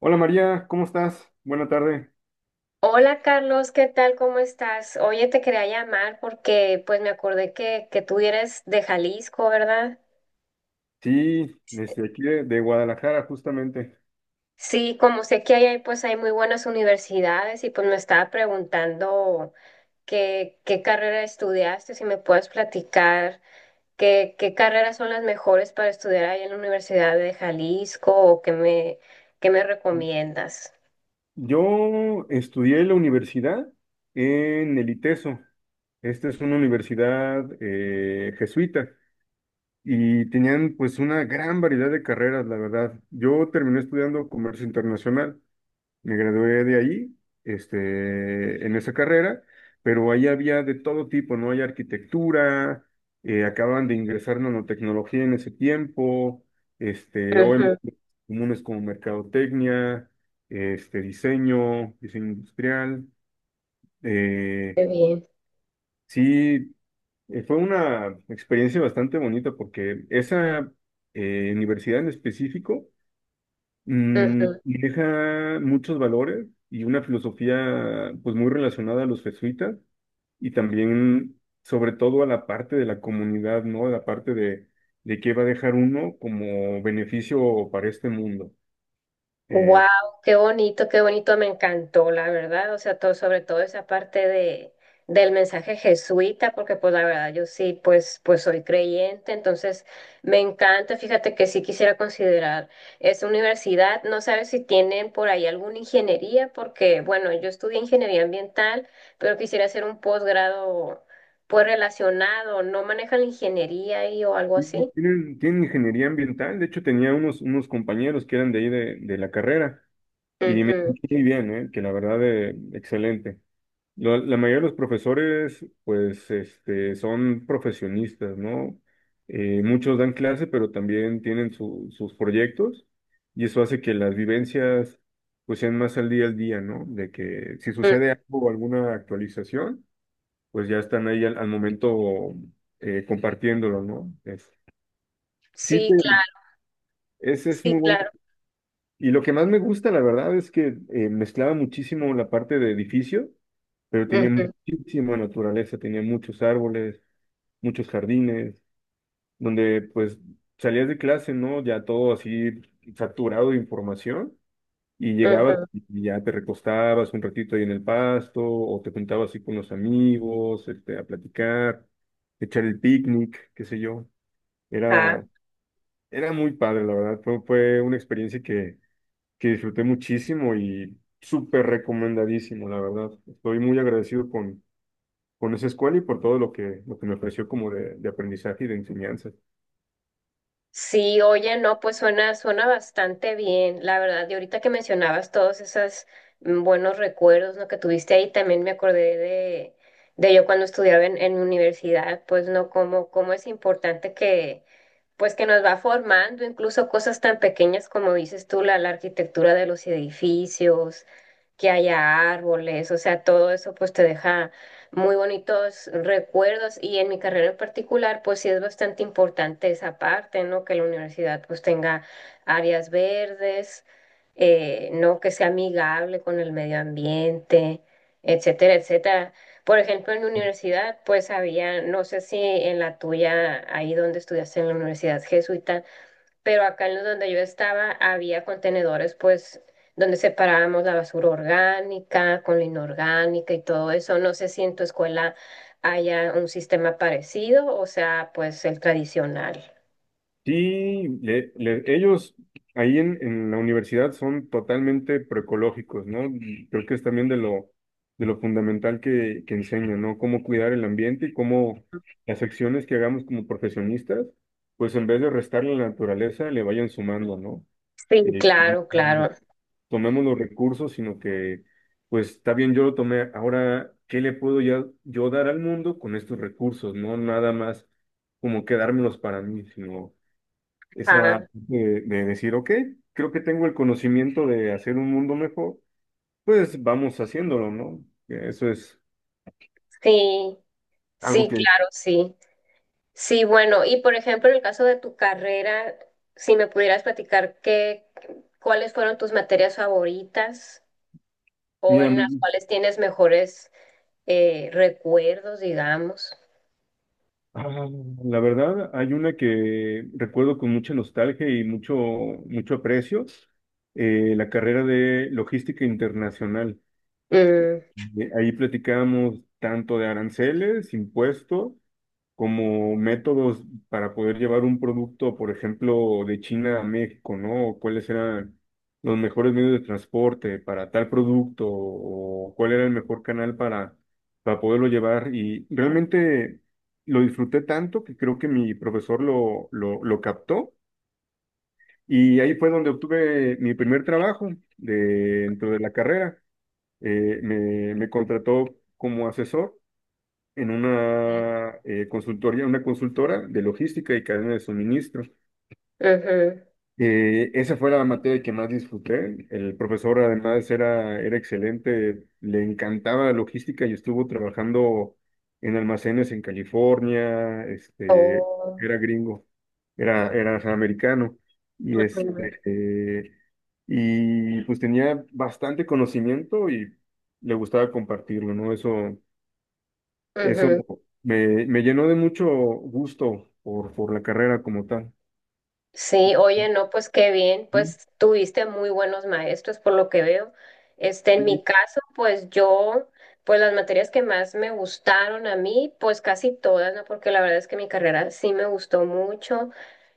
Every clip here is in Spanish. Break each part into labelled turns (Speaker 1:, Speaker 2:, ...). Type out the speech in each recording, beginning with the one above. Speaker 1: Hola María, ¿cómo estás? Buena tarde.
Speaker 2: Hola Carlos, ¿qué tal? ¿Cómo estás? Oye, te quería llamar porque pues me acordé que tú eres de Jalisco, ¿verdad?
Speaker 1: Sí, desde aquí de Guadalajara justamente.
Speaker 2: Sí, como sé que ahí hay, pues hay muy buenas universidades y pues me estaba preguntando qué carrera estudiaste, si me puedes platicar qué carreras son las mejores para estudiar ahí en la Universidad de Jalisco o qué me recomiendas.
Speaker 1: Yo estudié la universidad en el ITESO. Esta es una universidad jesuita y tenían pues una gran variedad de carreras, la verdad. Yo terminé estudiando comercio internacional. Me gradué de allí, en esa carrera, pero ahí había de todo tipo, ¿no? Hay arquitectura, acaban de ingresar nanotecnología en ese tiempo, OM
Speaker 2: Ujú,
Speaker 1: comunes como mercadotecnia, este, diseño, diseño industrial. eh,
Speaker 2: qué bien.
Speaker 1: sí, fue una experiencia bastante bonita porque esa universidad en específico y deja muchos valores y una filosofía pues muy relacionada a los jesuitas y también sobre todo a la parte de la comunidad, ¿no? A la parte de qué va a dejar uno como beneficio para este mundo. Eh,
Speaker 2: Wow, qué bonito, me encantó, la verdad. O sea, todo, sobre todo esa parte del mensaje jesuita, porque pues la verdad yo sí, pues, pues soy creyente, entonces me encanta. Fíjate que sí quisiera considerar esa universidad. No sabes si tienen por ahí alguna ingeniería, porque bueno, yo estudié ingeniería ambiental, pero quisiera hacer un posgrado pues relacionado. ¿No manejan la ingeniería ahí o algo
Speaker 1: y
Speaker 2: así?
Speaker 1: tienen, tienen ingeniería ambiental, de hecho tenía unos, unos compañeros que eran de ahí de la carrera y me
Speaker 2: Ujú,
Speaker 1: muy bien, ¿eh? Que la verdad excelente. La mayoría de los profesores, pues, este, son profesionistas, ¿no? Muchos dan clase, pero también tienen sus proyectos y eso hace que las vivencias, pues, sean más al día, ¿no? De que si
Speaker 2: ujú.
Speaker 1: sucede algo o alguna actualización, pues ya están ahí al momento compartiéndolo, ¿no? Sí,
Speaker 2: Sí,
Speaker 1: te-
Speaker 2: claro,
Speaker 1: Ese es
Speaker 2: sí,
Speaker 1: muy bueno
Speaker 2: claro.
Speaker 1: y lo que más me gusta, la verdad, es que mezclaba muchísimo la parte de edificio, pero tenía
Speaker 2: Ujú,
Speaker 1: muchísima naturaleza, tenía muchos árboles, muchos jardines, donde pues salías de clase, ¿no? Ya todo así saturado de información y llegabas
Speaker 2: ujú.
Speaker 1: y ya te recostabas un ratito ahí en el pasto o te juntabas así con los amigos, este, a platicar, echar el picnic, qué sé yo.
Speaker 2: Ajá.
Speaker 1: Era, era muy padre, la verdad. Fue una experiencia que disfruté muchísimo y súper recomendadísimo, la verdad. Estoy muy agradecido con esa escuela y por todo lo que me ofreció como de aprendizaje y de enseñanza.
Speaker 2: Sí, oye, no, pues suena, suena bastante bien, la verdad. Y ahorita que mencionabas todos esos buenos recuerdos, ¿no? Que tuviste ahí, también me acordé de yo cuando estudiaba en universidad, pues no, cómo es importante que, pues que nos va formando, incluso cosas tan pequeñas como dices tú, la arquitectura de los edificios, que haya árboles, o sea, todo eso pues te deja muy bonitos recuerdos y en mi carrera en particular pues sí es bastante importante esa parte, ¿no? Que la universidad pues tenga áreas verdes, ¿no? Que sea amigable con el medio ambiente, etcétera, etcétera. Por ejemplo, en la universidad, pues había, no sé si en la tuya, ahí donde estudiaste en la universidad jesuita, pero acá en donde yo estaba había contenedores, pues, donde separábamos la basura orgánica con la inorgánica y todo eso. No sé si en tu escuela haya un sistema parecido, o sea, pues el tradicional.
Speaker 1: Sí, ellos ahí en la universidad son totalmente proecológicos, ¿no? Y creo que es también de lo fundamental que enseñan, ¿no? Cómo cuidar el ambiente y cómo las acciones que hagamos como profesionistas, pues en vez de restarle a la naturaleza, le vayan sumando, ¿no?
Speaker 2: Sí,
Speaker 1: Eh,
Speaker 2: claro, claro.
Speaker 1: tomemos los recursos, sino que, pues está bien, yo lo tomé, ahora, ¿qué le puedo ya, yo dar al mundo con estos recursos? No nada más como quedármelos para mí, sino
Speaker 2: Ah,
Speaker 1: esa de decir, ok, creo que tengo el conocimiento de hacer un mundo mejor, pues vamos haciéndolo, ¿no? Que eso es
Speaker 2: sí,
Speaker 1: algo
Speaker 2: sí,
Speaker 1: que,
Speaker 2: claro, sí. Sí, bueno, y por ejemplo, en el caso de tu carrera, si me pudieras platicar qué, cuáles fueron tus materias favoritas o
Speaker 1: mira,
Speaker 2: en las cuales tienes mejores recuerdos, digamos.
Speaker 1: ah, la verdad, hay una que recuerdo con mucha nostalgia y mucho, mucho aprecio, la carrera de logística internacional.
Speaker 2: Mm,
Speaker 1: Ahí platicábamos tanto de aranceles, impuestos, como métodos para poder llevar un producto, por ejemplo, de China a México, ¿no? ¿O cuáles eran los mejores medios de transporte para tal producto? ¿O cuál era el mejor canal para poderlo llevar? Y realmente lo disfruté tanto que creo que mi profesor lo captó y ahí fue donde obtuve mi primer trabajo de- dentro de la carrera me contrató como asesor en una consultoría, una consultora de logística y cadena de suministro.
Speaker 2: ujú.
Speaker 1: Esa fue la materia que más disfruté. El profesor además era excelente, le encantaba la logística y estuvo trabajando en almacenes en California, este,
Speaker 2: O-
Speaker 1: era gringo, era americano y
Speaker 2: ujú,
Speaker 1: y pues tenía bastante conocimiento y le gustaba compartirlo, ¿no? Eso
Speaker 2: ujú.
Speaker 1: me llenó de mucho gusto por la carrera como tal.
Speaker 2: Sí, oye, no, pues qué bien,
Speaker 1: Sí,
Speaker 2: pues tuviste muy buenos maestros por lo que veo. Este, en
Speaker 1: sí,
Speaker 2: mi caso, pues yo, pues las materias que más me gustaron a mí, pues casi todas, ¿no? Porque la verdad es que mi carrera sí me gustó mucho,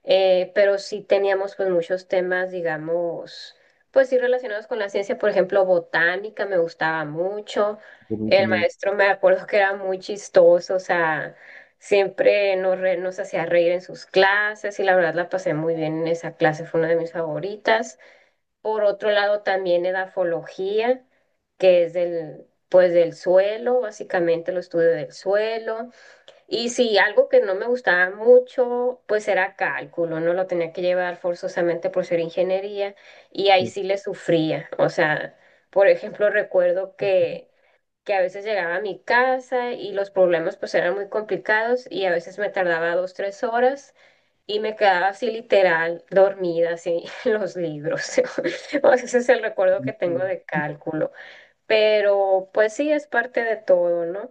Speaker 2: pero sí teníamos pues muchos temas, digamos, pues sí relacionados con la ciencia, por ejemplo, botánica me gustaba mucho.
Speaker 1: por-
Speaker 2: El
Speaker 1: por-
Speaker 2: maestro me acuerdo que era muy chistoso, o sea... Siempre nos, nos hacía reír en sus clases y la verdad la pasé muy bien en esa clase, fue una de mis favoritas. Por otro lado, también edafología, que es del, pues, del suelo, básicamente lo estudio del suelo. Y sí, algo que no me gustaba mucho, pues era cálculo, ¿no? Lo tenía que llevar forzosamente por ser ingeniería y ahí sí le sufría. O sea, por ejemplo, recuerdo que a veces llegaba a mi casa y los problemas pues eran muy complicados y a veces me tardaba dos, tres horas y me quedaba así literal dormida así en los libros. O sea, ese es el recuerdo que tengo
Speaker 1: pinturas.
Speaker 2: de cálculo. Pero pues sí, es parte de todo, ¿no?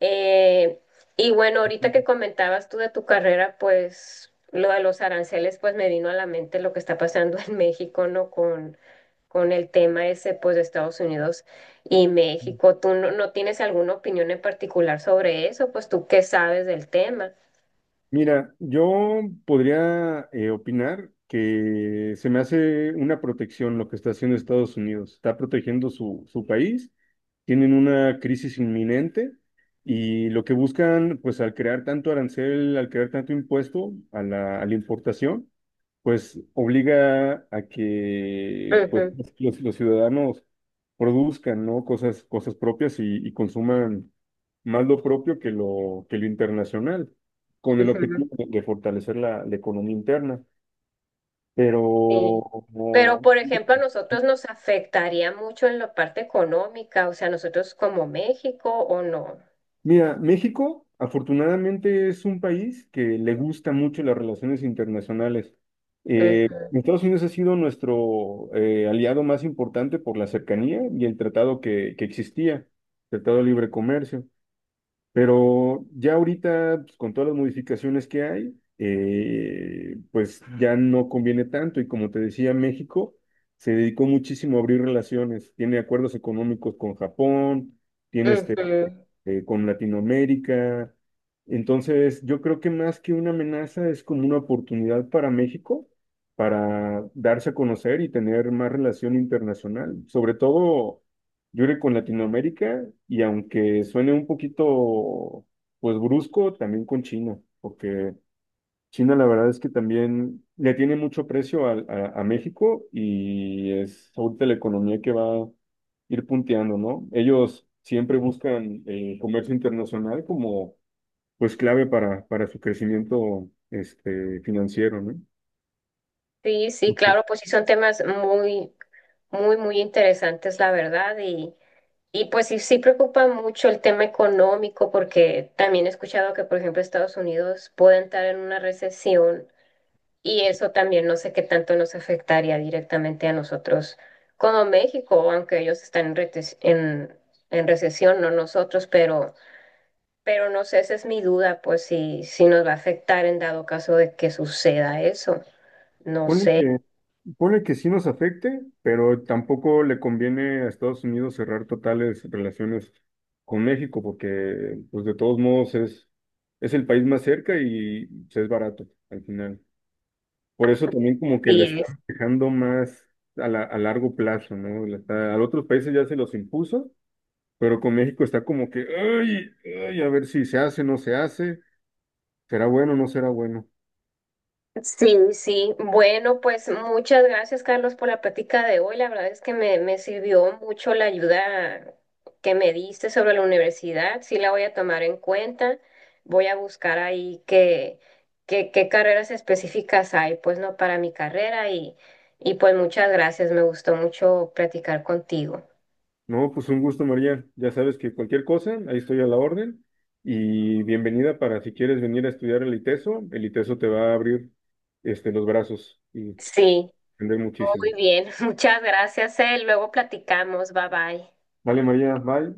Speaker 2: Eh, y bueno, ahorita que comentabas tú de tu carrera, pues lo de los aranceles, pues me vino a la mente lo que está pasando en México, ¿no? Con el tema ese, pues de Estados Unidos y México. ¿Tú no, no tienes alguna opinión en particular sobre eso? Pues tú qué sabes del tema.
Speaker 1: Mira, yo podría opinar que se me hace una protección lo que está haciendo Estados Unidos. Está protegiendo su país, tienen una crisis inminente y lo que buscan, pues al crear tanto arancel, al crear tanto impuesto a a la importación, pues obliga a que pues,
Speaker 2: Ujú,
Speaker 1: los ciudadanos produzcan, ¿no? Cosas propias y consuman más lo propio que lo internacional con el
Speaker 2: ujú,
Speaker 1: objetivo de fortalecer la economía interna. Pero,
Speaker 2: sí. Pero,
Speaker 1: como-
Speaker 2: por ejemplo, a nosotros nos afectaría mucho en la parte económica, o sea, nosotros como México o no.
Speaker 1: mira, México afortunadamente es un país que le gusta mucho las relaciones internacionales.
Speaker 2: Ujú,
Speaker 1: Estados Unidos ha sido nuestro aliado más importante por la cercanía y el tratado que existía, Tratado de Libre Comercio. Pero ya ahorita, pues, con todas las modificaciones que hay, pues ya no conviene tanto. Y como te decía, México se dedicó muchísimo a abrir relaciones. Tiene acuerdos económicos con Japón, tiene
Speaker 2: ujú.
Speaker 1: con Latinoamérica. Entonces, yo creo que más que una amenaza es como una oportunidad para México para darse a conocer y tener más relación internacional, sobre todo, yo creo que con Latinoamérica y aunque suene un poquito, pues brusco, también con China, porque China, la verdad es que también le tiene mucho precio a México y es ahorita la economía que va a ir punteando, ¿no? Ellos siempre buscan el comercio internacional como pues clave para su crecimiento este, financiero, ¿no?
Speaker 2: Sí, sí, claro, pues sí son temas muy, muy, muy interesantes, la verdad, y pues sí, sí preocupa mucho el tema económico, porque también he escuchado que, por ejemplo, Estados Unidos puede entrar en una recesión y eso también no sé qué tanto nos afectaría directamente a nosotros como México, aunque ellos están en, en recesión, no nosotros, pero no sé, esa es mi duda, pues si, si nos va a afectar en dado caso de que suceda eso, no
Speaker 1: Ponle
Speaker 2: sé.
Speaker 1: que, ponle que sí nos afecte, pero tampoco le conviene a Estados Unidos cerrar totales relaciones con México, porque pues de todos modos es el país más cerca y pues, es barato al final. Por eso también como que le
Speaker 2: Sí,
Speaker 1: están dejando más a largo plazo, ¿no? A otros países ya se los impuso, pero con México está como que, ay, ay, a ver si se hace, no se hace, será bueno.
Speaker 2: sí, sí. Bueno, pues muchas gracias, Carlos, por la plática de hoy. La verdad es que me sirvió mucho la ayuda que me diste sobre la universidad. Sí la voy a tomar en cuenta. Voy a buscar ahí qué carreras específicas hay, pues no para mi carrera. Y pues muchas gracias. Me gustó mucho platicar contigo.
Speaker 1: No, pues un gusto, María. Ya sabes que cualquier cosa, ahí estoy a la orden. Y bienvenida para si quieres venir a estudiar el ITESO. El ITESO te va a abrir este, los brazos y
Speaker 2: Sí,
Speaker 1: aprender
Speaker 2: muy
Speaker 1: muchísimo.
Speaker 2: bien. Muchas gracias, eh. Luego platicamos. Bye bye.
Speaker 1: Vale, María, bye.